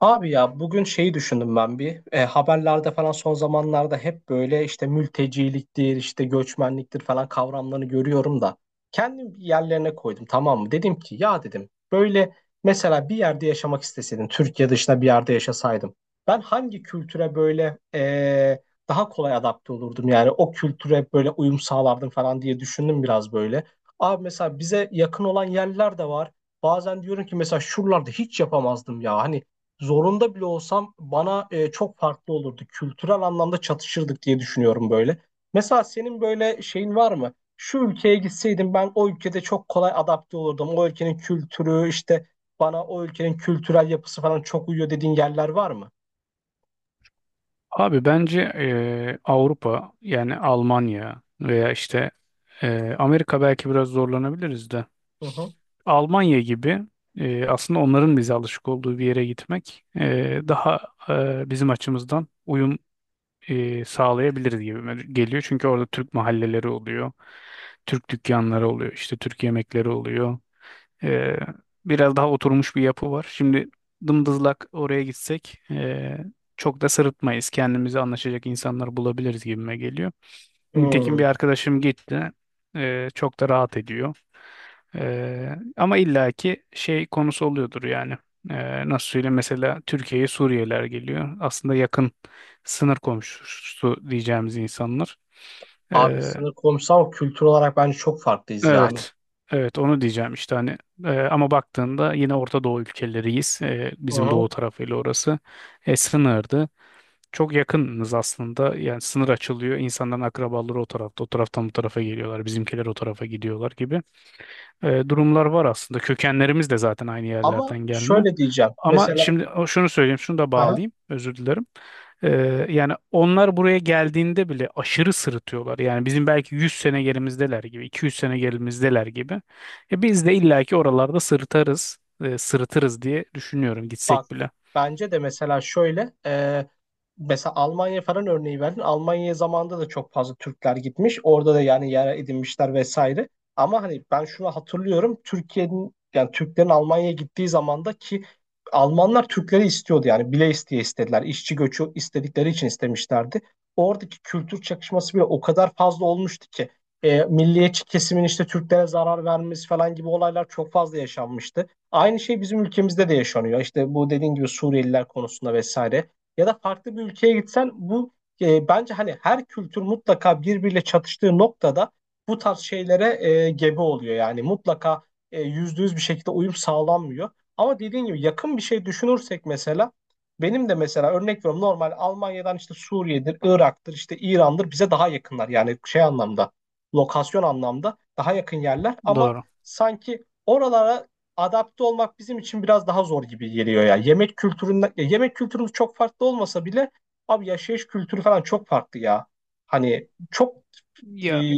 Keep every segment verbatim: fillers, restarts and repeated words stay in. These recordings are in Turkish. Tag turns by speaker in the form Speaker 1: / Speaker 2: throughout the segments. Speaker 1: Abi ya bugün şeyi düşündüm ben bir E, haberlerde falan son zamanlarda hep böyle işte mülteciliktir işte göçmenliktir falan kavramlarını görüyorum da kendim bir yerlerine koydum, tamam mı? Dedim ki ya, dedim, böyle mesela bir yerde yaşamak isteseydim, Türkiye dışında bir yerde yaşasaydım ben hangi kültüre böyle e, daha kolay adapte olurdum, yani o kültüre böyle uyum sağlardım falan diye düşündüm biraz böyle. Abi mesela bize yakın olan yerler de var. Bazen diyorum ki mesela şuralarda hiç yapamazdım ya, hani zorunda bile olsam bana e, çok farklı olurdu. Kültürel anlamda çatışırdık diye düşünüyorum böyle. Mesela senin böyle şeyin var mı? Şu ülkeye gitseydim ben o ülkede çok kolay adapte olurdum. O ülkenin kültürü işte bana, o ülkenin kültürel yapısı falan çok uyuyor dediğin yerler var mı?
Speaker 2: Abi bence eee, Avrupa, yani Almanya veya işte eee, Amerika, belki biraz zorlanabiliriz de.
Speaker 1: Hı hı.
Speaker 2: Almanya gibi, eee, aslında onların bize alışık olduğu bir yere gitmek, eee, daha, eee, bizim açımızdan uyum eee, sağlayabiliriz gibi geliyor. Çünkü orada Türk mahalleleri oluyor, Türk dükkanları oluyor, işte Türk yemekleri oluyor. Ee, Biraz daha oturmuş bir yapı var. Şimdi dımdızlak oraya gitsek ee, çok da sırıtmayız. Kendimizi anlaşacak insanlar bulabiliriz gibime geliyor. Nitekim
Speaker 1: Hmm.
Speaker 2: bir arkadaşım gitti. Ee, çok da rahat ediyor. Ee, Ama illaki şey konusu oluyordur yani. Ee, nasıl söyleyeyim, mesela Türkiye'ye Suriyeliler geliyor. Aslında yakın sınır komşusu diyeceğimiz insanlar.
Speaker 1: Abi
Speaker 2: Ee,
Speaker 1: sınır komşusu ama kültür olarak bence çok farklıyız yani.
Speaker 2: Evet. Evet, onu diyeceğim işte. Hani e, ama baktığında yine Orta Doğu ülkeleriyiz. E,
Speaker 1: Hı
Speaker 2: bizim
Speaker 1: hı.
Speaker 2: doğu tarafıyla orası. E, sınırdı. Çok yakınız aslında. Yani sınır açılıyor. İnsanların akrabaları o tarafta. O taraftan bu tarafa geliyorlar. Bizimkiler o tarafa gidiyorlar gibi E, durumlar var aslında. Kökenlerimiz de zaten aynı
Speaker 1: Ama
Speaker 2: yerlerden gelme.
Speaker 1: şöyle diyeceğim.
Speaker 2: Ama
Speaker 1: Mesela
Speaker 2: şimdi o- şunu söyleyeyim, şunu da
Speaker 1: aha.
Speaker 2: bağlayayım, özür dilerim. Ee, Yani onlar buraya geldiğinde bile aşırı sırıtıyorlar. Yani bizim belki yüz sene gerimizdeler gibi, iki yüz sene gerimizdeler gibi. E, biz de illaki oralarda sırıtarız, e, sırıtırız diye düşünüyorum
Speaker 1: Bak,
Speaker 2: gitsek bile.
Speaker 1: bence de mesela şöyle e, mesela Almanya falan örneği verdin. Almanya zamanında da çok fazla Türkler gitmiş. Orada da yani yer edinmişler vesaire. Ama hani ben şunu hatırlıyorum. Türkiye'nin, yani Türklerin Almanya'ya gittiği zamanda ki Almanlar Türkleri istiyordu, yani bile isteye istediler. İşçi göçü istedikleri için istemişlerdi. Oradaki kültür çakışması bile o kadar fazla olmuştu ki e, milliyetçi kesimin işte Türklere zarar vermesi falan gibi olaylar çok fazla yaşanmıştı. Aynı şey bizim ülkemizde de yaşanıyor. İşte bu dediğin gibi Suriyeliler konusunda vesaire. Ya da farklı bir ülkeye gitsen bu e, bence hani her kültür mutlaka birbiriyle çatıştığı noktada bu tarz şeylere e, gebe oluyor. Yani mutlaka e, yüzde yüz bir şekilde uyum sağlanmıyor. Ama dediğin gibi yakın bir şey düşünürsek mesela, benim de mesela, örnek veriyorum, normal Almanya'dan işte Suriye'dir, Irak'tır, işte İran'dır bize daha yakınlar. Yani şey anlamda, lokasyon anlamda daha yakın yerler ama
Speaker 2: Doğru.
Speaker 1: sanki oralara adapte olmak bizim için biraz daha zor gibi geliyor ya. Yemek kültüründen, ya yemek kültürümüz çok farklı olmasa bile abi yaşayış kültürü falan çok farklı ya. Hani çok e,
Speaker 2: Ya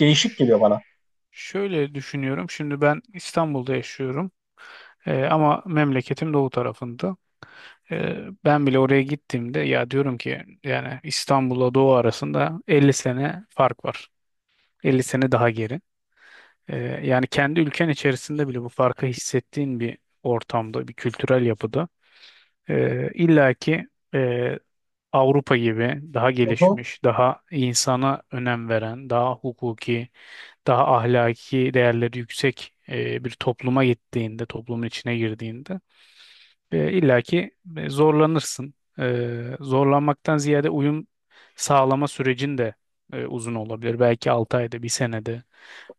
Speaker 1: değişik
Speaker 2: ş-
Speaker 1: geliyor bana.
Speaker 2: Şöyle düşünüyorum. Şimdi ben İstanbul'da yaşıyorum. Ee, ama memleketim doğu tarafında. Ee, ben bile oraya gittiğimde ya diyorum ki, yani İstanbul'la Doğu arasında elli sene fark var. elli sene daha geri. Ee, Yani kendi ülken içerisinde bile bu farkı hissettiğin bir ortamda, bir kültürel yapıda, e, illaki, e, Avrupa gibi daha
Speaker 1: Hı hı.
Speaker 2: gelişmiş, daha insana önem veren, daha hukuki, daha ahlaki değerleri yüksek e, bir topluma gittiğinde, toplumun içine girdiğinde, e, illa ki, e, zorlanırsın. E, zorlanmaktan ziyade uyum sağlama sürecin de e, uzun olabilir. Belki altı ayda, bir senede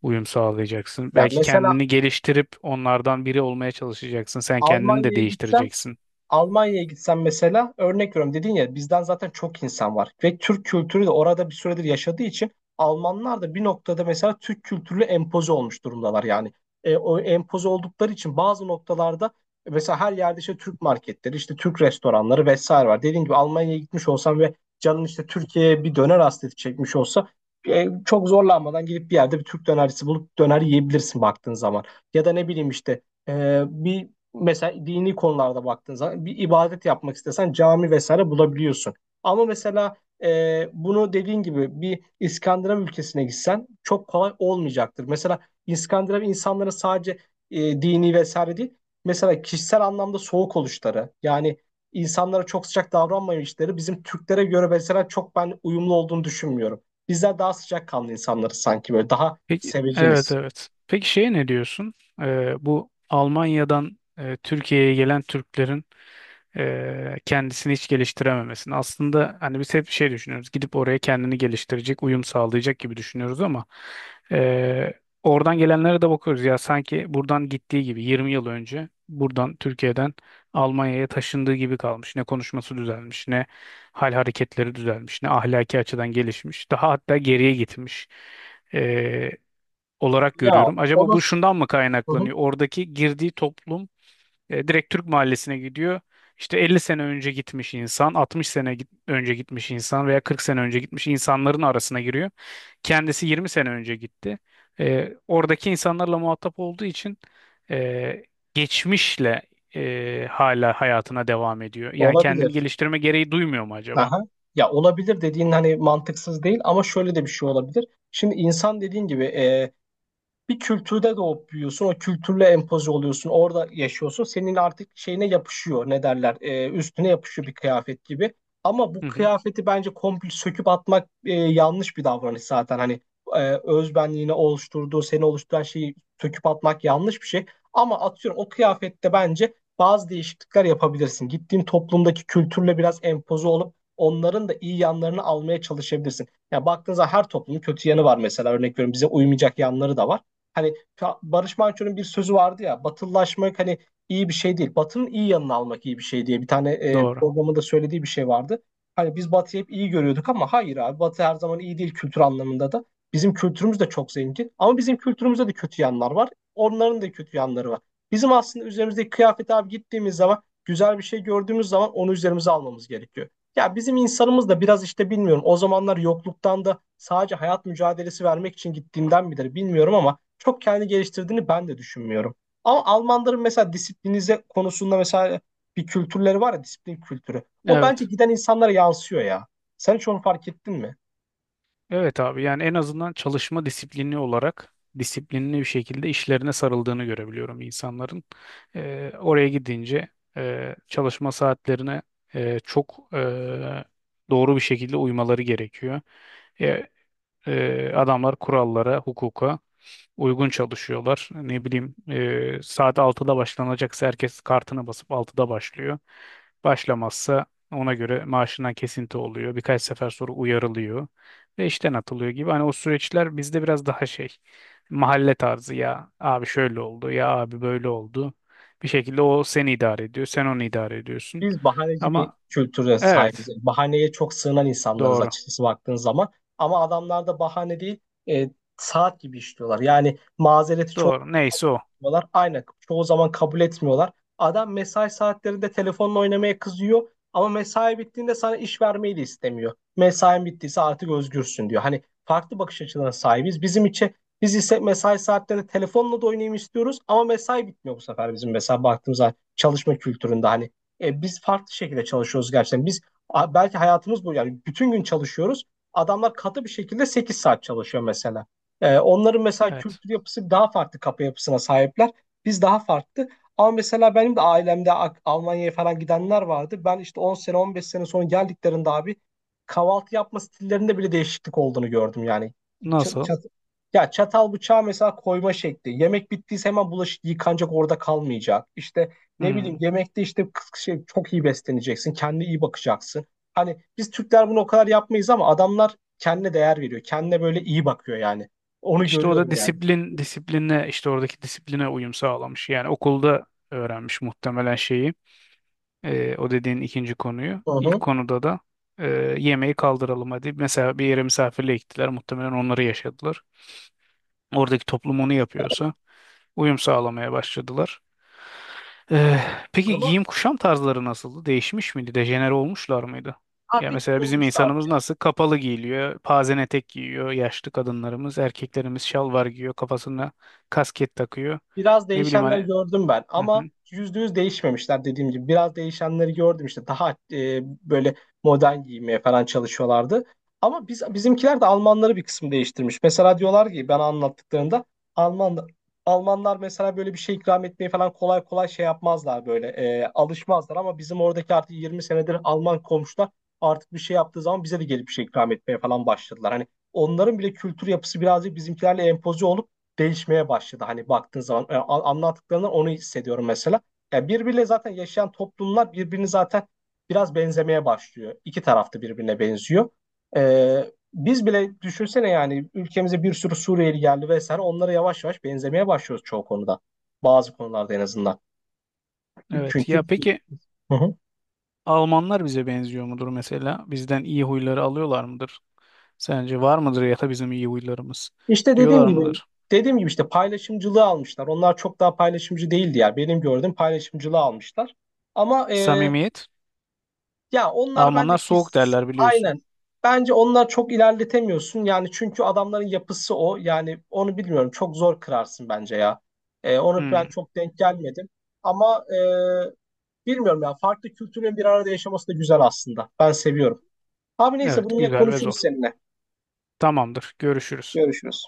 Speaker 2: uyum sağlayacaksın.
Speaker 1: Ya
Speaker 2: Belki
Speaker 1: mesela
Speaker 2: kendini geliştirip onlardan biri olmaya çalışacaksın. Sen kendini de
Speaker 1: Almanya'ya gitsen
Speaker 2: değiştireceksin.
Speaker 1: Almanya'ya gitsen mesela, örnek veriyorum, dedin ya bizden zaten çok insan var ve Türk kültürü de orada bir süredir yaşadığı için Almanlar da bir noktada mesela Türk kültürüyle empoze olmuş durumdalar yani. E, o empoze oldukları için bazı noktalarda e, mesela her yerde işte Türk marketleri, işte Türk restoranları vesaire var. Dediğim gibi, Almanya'ya gitmiş olsam ve canın işte Türkiye'ye bir döner hasreti çekmiş olsa e, çok zorlanmadan gidip bir yerde bir Türk dönercisi bulup döner yiyebilirsin baktığın zaman. Ya da ne bileyim işte ee, bir mesela dini konularda baktığın zaman bir ibadet yapmak istesen cami vesaire bulabiliyorsun. Ama mesela e, bunu dediğin gibi bir İskandinav ülkesine gitsen çok kolay olmayacaktır. Mesela İskandinav insanları sadece e, dini vesaire değil, mesela kişisel anlamda soğuk oluşları, yani insanlara çok sıcak davranmayışları bizim Türklere göre mesela, çok ben uyumlu olduğunu düşünmüyorum. Bizler daha sıcakkanlı insanları sanki böyle daha
Speaker 2: Peki, evet
Speaker 1: seveceniz.
Speaker 2: evet. Peki, şeye ne diyorsun? E, bu Almanya'dan e, Türkiye'ye gelen Türklerin e, kendisini hiç geliştirememesini. Aslında hani biz hep şey düşünüyoruz. Gidip oraya kendini geliştirecek, uyum sağlayacak gibi düşünüyoruz ama e, oradan gelenlere de bakıyoruz. Ya sanki buradan gittiği gibi, yirmi yıl önce buradan Türkiye'den Almanya'ya taşındığı gibi kalmış. Ne konuşması düzelmiş, ne hal hareketleri düzelmiş, ne ahlaki açıdan gelişmiş. Daha hatta geriye gitmiş. E, Olarak
Speaker 1: Ya
Speaker 2: görüyorum.
Speaker 1: o
Speaker 2: Acaba
Speaker 1: da.
Speaker 2: bu şundan mı
Speaker 1: Hı hı,
Speaker 2: kaynaklanıyor? Oradaki girdiği toplum, e, direkt Türk mahallesine gidiyor. İşte elli sene önce gitmiş insan, altmış sene git- önce gitmiş insan veya kırk sene önce gitmiş insanların arasına giriyor. Kendisi yirmi sene önce gitti. E, oradaki insanlarla muhatap olduğu için, e, geçmişle, e, hala hayatına devam ediyor. Yani kendini
Speaker 1: olabilir.
Speaker 2: geliştirme gereği duymuyor mu acaba?
Speaker 1: Aha. Ya olabilir dediğin hani mantıksız değil ama şöyle de bir şey olabilir. Şimdi insan dediğin gibi bir kültürde doğup büyüyorsun. O kültürle empoze oluyorsun. Orada yaşıyorsun. Senin artık şeyine yapışıyor. Ne derler? Ee, üstüne yapışıyor bir kıyafet gibi. Ama
Speaker 2: Hı
Speaker 1: bu
Speaker 2: hı,
Speaker 1: kıyafeti bence komple söküp atmak e, yanlış bir davranış zaten. Hani e, özbenliğini oluşturduğu, seni oluşturan şeyi söküp atmak yanlış bir şey. Ama atıyorum o kıyafette bence bazı değişiklikler yapabilirsin. Gittiğin toplumdaki kültürle biraz empoze olup onların da iyi yanlarını almaya çalışabilirsin. Ya baktığınızda her toplumun kötü yanı var mesela. Örnek veriyorum, bize uymayacak yanları da var. Hani ta- Barış Manço'nun bir sözü vardı ya, batılılaşmak hani iyi bir şey değil. Batının iyi yanını almak iyi bir şey diye bir tane e,
Speaker 2: doğru.
Speaker 1: programında söylediği bir şey vardı. Hani biz Batı'yı hep iyi görüyorduk ama hayır abi, Batı her zaman iyi değil kültür anlamında da. Bizim kültürümüz de çok zengin ama bizim kültürümüzde de kötü yanlar var. Onların da kötü yanları var. Bizim aslında üzerimizdeki kıyafet abi, gittiğimiz zaman güzel bir şey gördüğümüz zaman onu üzerimize almamız gerekiyor. Ya bizim insanımız da biraz işte, bilmiyorum, o zamanlar yokluktan da sadece hayat mücadelesi vermek için gittiğinden midir bilmiyorum ama çok kendi geliştirdiğini ben de düşünmüyorum. Ama Almanların mesela disiplinize konusunda mesela bir kültürleri var ya, disiplin kültürü. O bence
Speaker 2: Evet.
Speaker 1: giden insanlara yansıyor ya. Sen hiç onu fark ettin mi?
Speaker 2: Evet abi, yani en azından çalışma disiplini olarak disiplinli bir şekilde işlerine sarıldığını görebiliyorum insanların. Ee, oraya gidince, e, çalışma saatlerine, e, çok, e, doğru bir şekilde uymaları gerekiyor. E, e, Adamlar kurallara, hukuka uygun çalışıyorlar. Ne bileyim, e, saat altıda başlanacaksa herkes kartına basıp altıda başlıyor. Başlamazsa ona göre maaşından kesinti oluyor. Birkaç sefer sonra uyarılıyor ve işten atılıyor gibi. Hani o süreçler bizde biraz daha şey, mahalle tarzı, ya abi şöyle oldu ya abi böyle oldu. Bir şekilde o seni idare ediyor, sen onu idare ediyorsun.
Speaker 1: Biz bahaneci bir
Speaker 2: Ama
Speaker 1: kültüre
Speaker 2: evet,
Speaker 1: sahibiz. Bahaneye çok sığınan insanlarız
Speaker 2: doğru
Speaker 1: açıkçası baktığın zaman. Ama adamlar da bahane değil, e, saat gibi işliyorlar. Yani mazereti çok
Speaker 2: doğru, neyse o.
Speaker 1: etmiyorlar. Aynen. Çoğu zaman kabul etmiyorlar. Adam mesai saatlerinde telefonla oynamaya kızıyor ama mesai bittiğinde sana iş vermeyi de istemiyor. Mesain bittiyse artık özgürsün diyor. Hani farklı bakış açılarına sahibiz. Bizim için biz ise mesai saatlerinde telefonla da oynayayım istiyoruz ama mesai bitmiyor bu sefer bizim. Mesela baktığımız zaman çalışma kültüründe hani e, biz farklı şekilde çalışıyoruz gerçekten. Biz a- belki hayatımız bu yani, bütün gün çalışıyoruz. Adamlar katı bir şekilde sekiz saat çalışıyor mesela. E, onların mesela
Speaker 2: Evet.
Speaker 1: kültür yapısı daha farklı, kafa yapısına sahipler. Biz daha farklı. Ama mesela benim de ailemde A- Almanya'ya falan gidenler vardı. Ben işte on sene on beş sene sonra geldiklerinde abi, kahvaltı yapma stillerinde bile değişiklik olduğunu gördüm yani. Ç-
Speaker 2: Nasıl?
Speaker 1: çat- ya çatal bıçağı mesela koyma şekli. Yemek bittiyse hemen bulaşık yıkanacak, orada kalmayacak. İşte ne
Speaker 2: Hmm.
Speaker 1: bileyim, yemekte işte kıs- şey, çok iyi besleneceksin. Kendine iyi bakacaksın. Hani biz Türkler bunu o kadar yapmayız ama adamlar kendine değer veriyor. Kendine böyle iyi bakıyor yani. Onu
Speaker 2: İşte o da
Speaker 1: görüyorum yani.
Speaker 2: disiplin, disipline, işte oradaki disipline uyum sağlamış. Yani okulda öğrenmiş muhtemelen şeyi. Ee, o dediğin ikinci konuyu.
Speaker 1: Hı
Speaker 2: İlk
Speaker 1: hı.
Speaker 2: konuda da, e, yemeği kaldıralım hadi. Mesela bir yere misafirliğe gittiler. Muhtemelen onları yaşadılar. Oradaki toplum onu yapıyorsa uyum sağlamaya başladılar. Eh, peki
Speaker 1: Ama
Speaker 2: giyim kuşam tarzları nasıldı? Değişmiş miydi? Dejenere olmuşlar mıydı?
Speaker 1: ha,
Speaker 2: Ya
Speaker 1: bir tık
Speaker 2: mesela bizim
Speaker 1: olmuşlar.
Speaker 2: insanımız nasıl? Kapalı giyiliyor, pazen etek giyiyor, yaşlı kadınlarımız, erkeklerimiz şalvar giyiyor, kafasına kasket takıyor.
Speaker 1: Biraz
Speaker 2: Ne bileyim
Speaker 1: değişenler
Speaker 2: hani.
Speaker 1: gördüm ben
Speaker 2: Hı hı.
Speaker 1: ama yüzde yüz değişmemişler dediğim gibi. Biraz değişenleri gördüm, işte daha e, böyle modern giymeye falan çalışıyorlardı. Ama biz bizimkiler de Almanları bir kısım değiştirmiş. Mesela diyorlar ki bana anlattıklarında Alman Almanlar mesela böyle bir şey ikram etmeyi falan kolay kolay şey yapmazlar, böyle e, alışmazlar ama bizim oradaki artık yirmi senedir Alman komşular artık bir şey yaptığı zaman bize de gelip bir şey ikram etmeye falan başladılar. Hani onların bile kültür yapısı birazcık bizimkilerle empoze olup değişmeye başladı. Hani baktığın zaman e, a- anlattıklarından onu hissediyorum mesela. Yani birbiriyle zaten yaşayan toplumlar birbirini zaten biraz benzemeye başlıyor. İki tarafta birbirine benziyor. E, biz bile düşünsene, yani ülkemize bir sürü Suriyeli geldi vesaire, onlara yavaş yavaş benzemeye başlıyoruz çoğu konuda. Bazı konularda en azından.
Speaker 2: Evet. Ya
Speaker 1: Çünkü.
Speaker 2: peki
Speaker 1: Hı hı.
Speaker 2: Almanlar bize benziyor mudur mesela? Bizden iyi huyları alıyorlar mıdır? Sence var mıdır, ya da bizim iyi huylarımız?
Speaker 1: İşte dediğim
Speaker 2: Diyorlar
Speaker 1: gibi
Speaker 2: mıdır?
Speaker 1: dediğim gibi işte paylaşımcılığı almışlar. Onlar çok daha paylaşımcı değildi ya. Benim gördüğüm paylaşımcılığı almışlar. Ama e,
Speaker 2: Samimiyet.
Speaker 1: ya onlar
Speaker 2: Almanlar
Speaker 1: bence ki
Speaker 2: soğuk derler, biliyorsun.
Speaker 1: aynen. Bence onlar çok ilerletemiyorsun. Yani çünkü adamların yapısı o. Yani onu bilmiyorum. Çok zor kırarsın bence ya. Ee, onu
Speaker 2: Hmm.
Speaker 1: ben çok denk gelmedim. Ama e, bilmiyorum ya. Farklı kültürlerin bir arada yaşaması da güzel aslında. Ben seviyorum. Abi neyse, bunu
Speaker 2: Evet,
Speaker 1: yine
Speaker 2: güzel ve zor.
Speaker 1: konuşuruz seninle.
Speaker 2: Tamamdır. Görüşürüz.
Speaker 1: Görüşürüz.